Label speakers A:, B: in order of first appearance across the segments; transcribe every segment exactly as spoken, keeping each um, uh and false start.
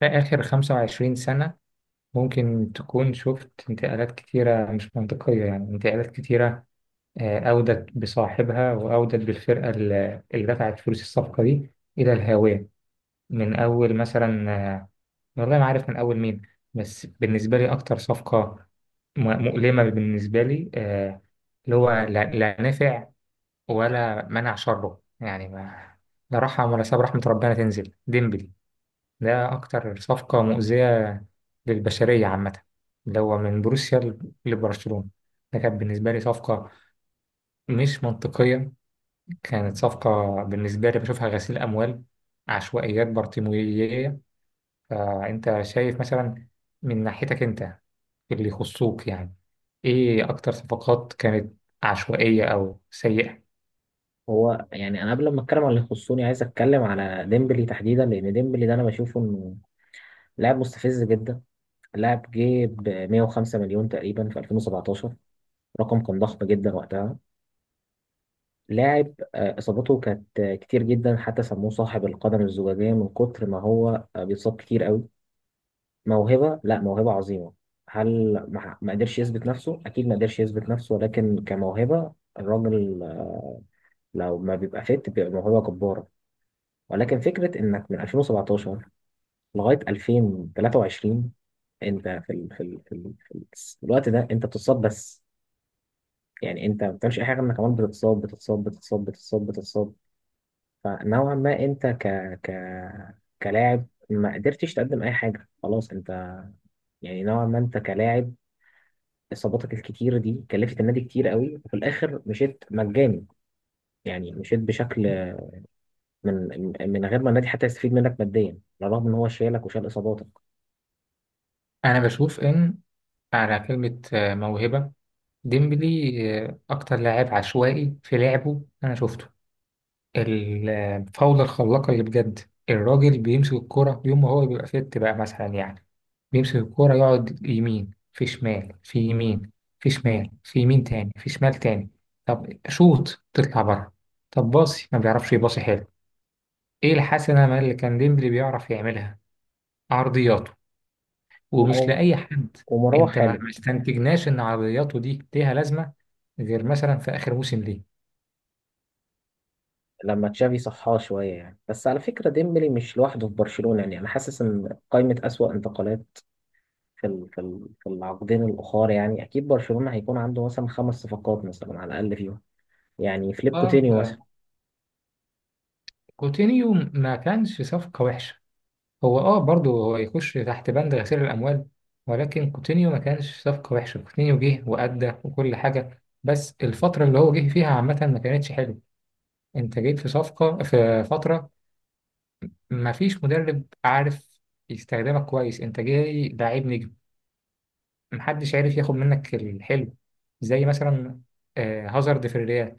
A: في آخر خمسة وعشرين سنة ممكن تكون شفت انتقالات كتيرة مش منطقية، يعني انتقالات كتيرة آه، أودت بصاحبها وأودت بالفرقة ال- اللي دفعت فلوس الصفقة دي إلى الهاوية. من أول مثلا آه، والله ما عارف من أول مين. بس بالنسبة لي أكتر صفقة م- مؤلمة بالنسبة لي آه، اللي هو لا لا نفع ولا منع شره، يعني ما لا رحم ولا ساب رحمة ربنا تنزل ديمبلي. ده أكتر صفقة مؤذية للبشرية عامة، اللي هو من بروسيا ل- لبرشلونة. ده كانت بالنسبة لي صفقة مش منطقية، كانت صفقة بالنسبة لي بشوفها غسيل أموال، عشوائيات بارتيموية. فأنت شايف مثلا من ناحيتك أنت في اللي يخصوك، يعني إيه أكتر صفقات كانت عشوائية أو سيئة؟
B: هو يعني انا قبل ما اتكلم على اللي يخصني عايز اتكلم على ديمبلي تحديدا، لان ديمبلي ده انا بشوفه انه لاعب مستفز جدا. لاعب جه ب 105 مليون تقريبا في ألفين وسبعتاشر، رقم كان ضخم جدا وقتها. لاعب، آه، اصاباته كانت آه، كتير جدا، حتى سموه صاحب القدم الزجاجيه من كتر ما هو آه، بيتصاب كتير قوي. موهبه، لا، موهبه عظيمه. هل ما ما قدرش يثبت نفسه؟ اكيد ما قدرش يثبت نفسه، ولكن كموهبه الراجل آه، لو ما بيبقى فت بيبقى موهبه جباره. ولكن فكرة إنك من ألفين وسبعتاشر لغايه ألفين وتلاتة وعشرين انت في ال في ال في, ال في, ال في الوقت ده انت بتتصاب بس. يعني انت ما بتعملش اي حاجه، انك كمان بتتصاب بتتصاب بتتصاب بتتصاب بتتصاب. فنوعا ما انت ك ك كلاعب ما قدرتش تقدم اي حاجه، خلاص انت، يعني نوعا ما انت كلاعب، اصاباتك الكتيره دي كلفت النادي كتير قوي، وفي الاخر مشيت مجاني. يعني مشيت بشكل من من غير ما النادي حتى يستفيد منك ماديا، على الرغم ان هو شايلك وشال اصاباتك.
A: أنا بشوف إن على كلمة آه، موهبة، ديمبلي آه، أكتر لاعب عشوائي في لعبه أنا شفته. الفاولة الخلاقة اللي بجد الراجل بيمسك الكرة يوم ما هو بيبقى فيت بقى، مثلا يعني بيمسك الكرة يقعد يمين في شمال، في يمين في شمال، في يمين تاني في شمال تاني. طب شوط تطلع بره، طب باصي ما بيعرفش يباصي حلو. ايه الحسنة ما اللي كان ديمبلي بيعرف يعملها؟ عرضياته،
B: لا،
A: ومش
B: هو-
A: لأي حد.
B: ومروح
A: انت ما
B: حاله.
A: ما استنتجناش ان عرضياته دي ليها لازمة غير مثلا في آخر موسم ليه.
B: لما تشافي صحاه شوية يعني، بس على فكرة ديمبلي مش لوحده في برشلونة، يعني أنا حاسس إن قائمة أسوأ انتقالات في ال- في ال- في العقدين الأخر، يعني أكيد برشلونة هيكون عنده مثلا خمس صفقات مثلا على الأقل فيهم. يعني فليب
A: اه انت
B: كوتينيو مثلا.
A: كوتينيو ما كانش صفقة وحشة. هو اه برضه هو يخش تحت بند غسيل الاموال، ولكن كوتينيو ما كانش صفقه وحشه. كوتينيو جه وادى وكل حاجه، بس الفتره اللي هو جه فيها عامه ما كانتش حلوه. انت جيت في صفقه في فتره ما فيش مدرب عارف يستخدمك كويس، انت جاي لعيب نجم محدش عارف ياخد منك الحلو. زي مثلا آه، هازارد في الريال.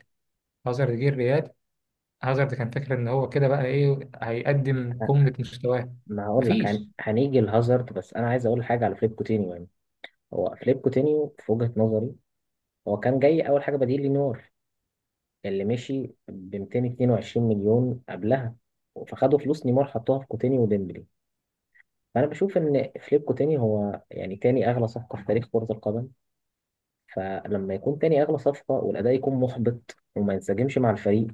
A: هازارد جه الريال، هازارد كان فاكر ان هو كده بقى ايه هيقدم قمه مستواه.
B: ما هقول لك، هن...
A: مفيش.
B: هنيجي لهازارد، بس أنا عايز أقول حاجة على فليب كوتينيو يعني. هو فليب كوتينيو في وجهة نظري، هو كان جاي أول حاجة بديل لنيمار اللي مشي ب 222 مليون قبلها، فخدوا فلوس نيمار حطوها في كوتينيو وديمبلي. فأنا بشوف إن فليب كوتيني هو يعني تاني أغلى صفقة في تاريخ كرة القدم. فلما يكون تاني أغلى صفقة والأداء يكون محبط وما ينسجمش مع الفريق،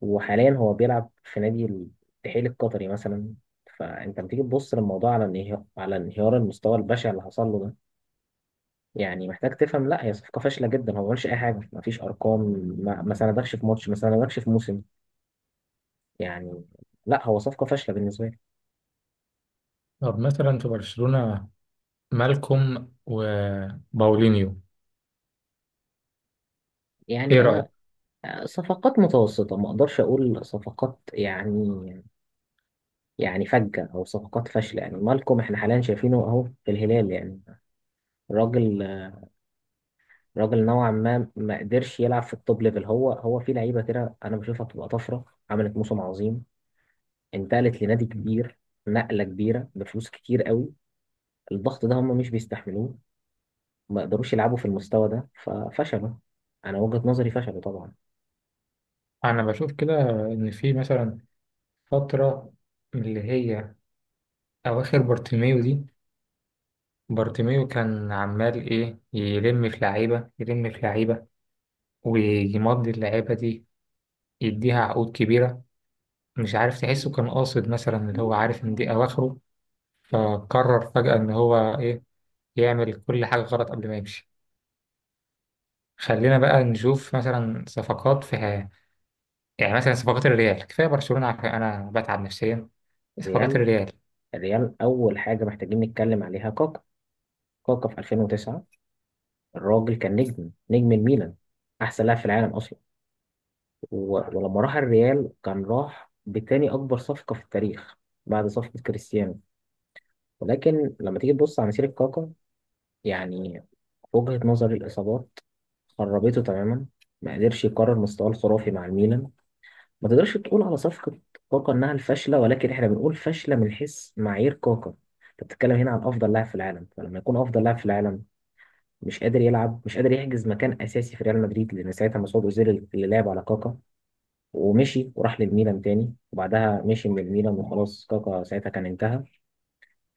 B: وحاليا هو بيلعب في نادي الاتحاد القطري مثلا، فأنت لما تيجي تبص للموضوع على انهيار، على انهيار المستوى البشع اللي حصل له ده، يعني محتاج تفهم. لا، هي صفقة فاشلة جدا، هو ما عملش أي حاجة، ما فيش أرقام، ما, ما سندكش في ماتش، ما سندكش في موسم، يعني. لا، هو صفقة فاشلة بالنسبة لي.
A: طب مثلا في برشلونة، مالكوم وباولينيو، ايه
B: يعني
A: رأيك؟
B: أنا صفقات متوسطة، ما أقدرش أقول صفقات يعني، يعني فجة أو صفقات فاشلة، يعني مالكم إحنا حاليا شايفينه أهو في الهلال، يعني راجل، راجل نوعا ما ما قدرش يلعب في التوب ليفل، هو هو في لعيبة كده أنا بشوفها بتبقى طفرة. عملت موسم عظيم، انتقلت لنادي كبير، نقلة كبيرة بفلوس كتير قوي، الضغط ده هم مش بيستحملوه، ما يقدروش يلعبوا في المستوى ده ففشلوا. أنا وجهة نظري فشلوا طبعا.
A: انا بشوف كده ان في مثلا فترة اللي هي اواخر بارتيميو دي، بارتيميو كان عمال ايه يلم في لعيبة يلم في لعيبة، ويمضي اللعيبة دي يديها عقود كبيرة. مش عارف، تحسه كان قاصد مثلا اللي هو عارف ان دي اواخره، فقرر فجأة ان هو ايه يعمل كل حاجة غلط قبل ما يمشي. خلينا بقى نشوف مثلا صفقات في، يعني مثلا صفقات الريال، كفايه برشلونه، عارف انا بتعب نفسيا. صفقات
B: الريال.
A: الريال.
B: الريال أول حاجة محتاجين نتكلم عليها كاكا. كاكا في ألفين وتسعة، الراجل كان نجم، نجم الميلان، أحسن لاعب في العالم. و- ولما راح الريال كان راح بتاني أكبر صفقة في التاريخ بعد صفقة كريستيانو. ولكن لما تيجي تبص على مسيرة كاكا، يعني في وجهة نظري الإصابات خربته تماما، ما قدرش يكرر مستواه الخرافي مع الميلان. ما تقدرش تقول على صفقة كاكا إنها الفاشلة، ولكن إحنا بنقول فاشلة من حيث معايير كاكا. أنت بتتكلم هنا عن أفضل لاعب في العالم، فلما يكون أفضل لاعب في العالم مش قادر يلعب، مش قادر يحجز مكان أساسي في ريال مدريد، لأن ساعتها مسعود أوزيل اللي لعب على كاكا، ومشي وراح للميلان تاني، وبعدها مشي من الميلان، وخلاص كاكا ساعتها كان انتهى.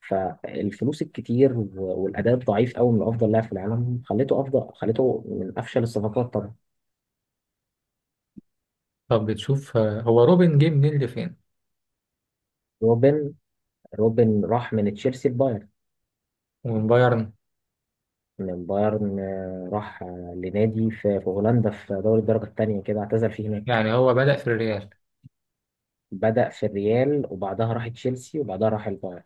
B: فالفلوس الكتير و- والاداء الضعيف قوي من افضل لاعب في العالم خليته افضل خليته من افشل الصفقات طبعا.
A: طب بتشوف آه، هو روبن جه منين لفين؟
B: روبن. روبن راح من تشيلسي لبايرن.
A: ومن بايرن.
B: من بايرن آه، راح آه، لنادي في في هولندا في دوري الدرجه الثانيه كده، اعتزل فيه هناك.
A: يعني هو بدأ في الريال؟
B: بدأ في الريال وبعدها راح تشيلسي وبعدها راح البايرن.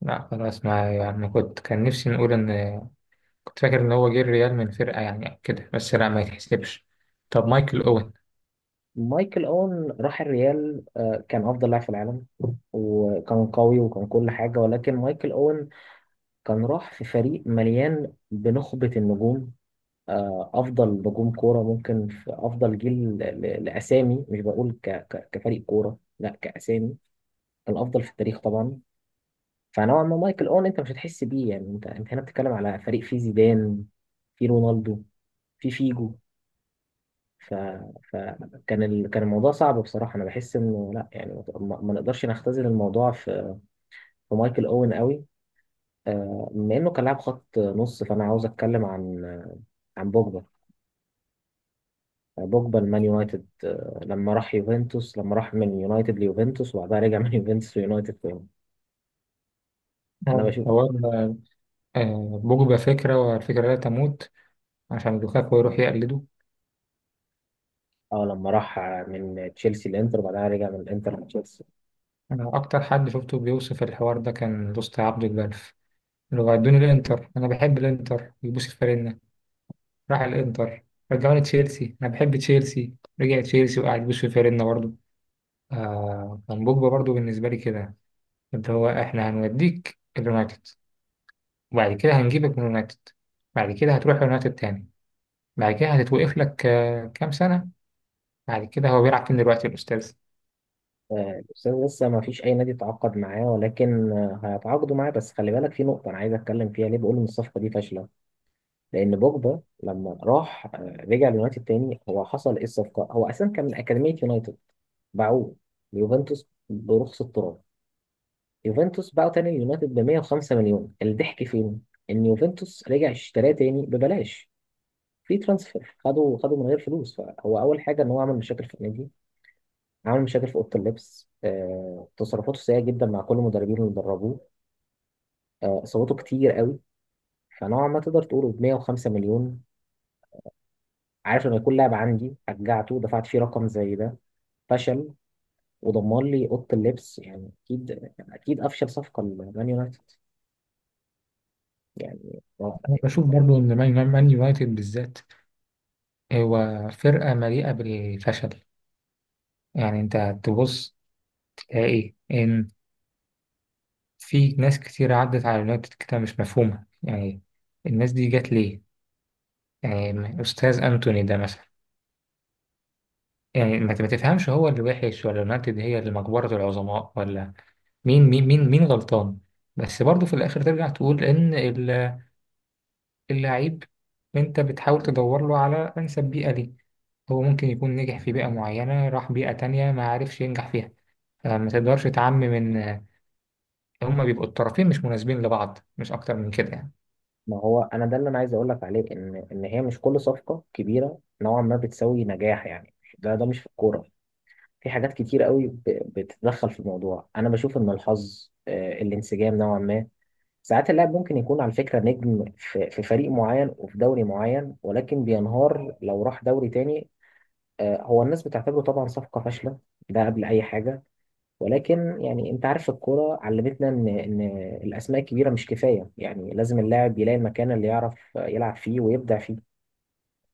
A: لا خلاص ما يعني، ما كنت كان نفسي نقول ان، كنت فاكر ان هو جه الريال من فرقه يعني كده، بس لا ما يتحسبش. طب مايكل اوين؟
B: مايكل أون راح الريال، آه، كان أفضل لاعب في العالم، وكان قوي وكان كل حاجة، ولكن مايكل أون كان راح في فريق مليان بنخبة النجوم، آه، أفضل نجوم كورة ممكن في أفضل جيل، ل- ل- لأسامي، مش بقول ك- ك- كفريق كورة، لا، كأسامي كان الأفضل في التاريخ طبعا. فنوعا ما مايكل أون أنت مش هتحس بيه، يعني أنت أنت هنا بتتكلم على فريق فيه زيدان، فيه رونالدو، فيه فيجو، ف... فكان ال... كان الموضوع صعب بصراحة. أنا بحس إنه لا، يعني ما, ما نقدرش نختزل الموضوع في, في مايكل أوين قوي. آه، بما إنه كان لاعب خط نص، فأنا عاوز أتكلم عن عن بوجبا. بوجبا المان يونايتد، آه، لما راح يوفنتوس، لما راح من يونايتد ليوفنتوس وبعدها رجع من يوفنتوس ليونايتد تاني. أنا
A: اه
B: بشوف،
A: هو آه، بوجبا فكره والفكره لا تموت، عشان لوكاكو يروح يقلده.
B: اه، لما راح من تشيلسي لانتر وبعدها رجع من الانتر لتشيلسي.
A: انا اكتر حد شفته بيوصف الحوار ده كان دوست عبد البلف، اللي هو ادوني الانتر انا بحب الانتر يبوس الفريق، راح الانتر رجعوني تشيلسي انا بحب تشيلسي، رجع تشيلسي وقعد بوش في فيرنا برضه. آه كان بوجبا برضه بالنسبه لي كده، اللي هو احنا هنوديك اليونايتد، وبعد كده هنجيبك من اليونايتد، بعد كده هتروح اليونايتد تاني، بعد كده هتتوقف لك آه كام سنه، بعد كده هو بيلعب فين دلوقتي الأستاذ؟
B: آه، الأستاذ لسه ما فيش اي نادي تعاقد معاه، ولكن آه، هيتعاقدوا معاه، بس خلي بالك في نقطه انا عايز اتكلم فيها ليه بقول ان الصفقه دي فاشله. لان بوجبا لما راح، آه، رجع اليونايتد تاني، هو حصل ايه الصفقه؟ هو اساسا كان من اكاديميه يونايتد، باعوه ليوفنتوس برخص التراب. يوفنتوس باعوا تاني اليونايتد ب 105 مليون. الضحك فين؟ ان يوفنتوس رجع اشتراه تاني ببلاش، في ترانسفير، خدوا خدوا من غير فلوس. فهو اول حاجه ان هو عمل مشاكل في النادي، عمل مشاكل في اوضه اللبس، آه، تصرفاته سيئه جدا مع كل المدربين اللي دربوه، آه، اصاباته كتير قوي. فنوعا ما تقدر تقول ب 105 مليون، عارف، لما يكون لاعب عندي شجعته دفعت فيه رقم زي ده، فشل، ودمر لي اوضه اللبس، يعني اكيد اكيد افشل صفقه لمان يونايتد، يعني، ما
A: أنا بشوف برضو إن مان مان يونايتد بالذات هو فرقة مليئة بالفشل. يعني أنت تبص تلاقي إن في ناس كتير عدت على يونايتد كده مش مفهومة، يعني الناس دي جت ليه؟ يعني أستاذ أنتوني ده مثلا، يعني ما ما تفهمش هو اللي وحش ولا يونايتد هي اللي مقبرة العظماء ولا مين مين مين مين غلطان. بس برضه في الآخر ترجع تقول إن ال- اللعيب أنت بتحاول تدور له على أنسب بيئة ليه. هو ممكن يكون نجح في بيئة معينة، راح بيئة تانية ما عرفش ينجح فيها. فما تقدرش تعمم، إن هما بيبقوا الطرفين مش مناسبين لبعض، مش أكتر من كده يعني.
B: ما هو انا ده اللي انا عايز اقول لك عليه، ان ان هي مش كل صفقه كبيره نوعا ما بتساوي نجاح، يعني ده ده مش في الكوره. في حاجات كتير قوي ب- بتتدخل في الموضوع، انا بشوف ان الحظ، آه، الانسجام، نوعا ما ساعات اللاعب ممكن يكون على فكرة نجم في في فريق معين وفي دوري معين، ولكن بينهار لو راح دوري تاني. آه، هو الناس بتعتبره طبعا صفقة فاشلة، ده قبل أي حاجة، ولكن يعني أنت عارف الكورة علمتنا إن إن الأسماء الكبيرة مش كفاية، يعني لازم اللاعب يلاقي المكان اللي يعرف يلعب فيه ويبدع.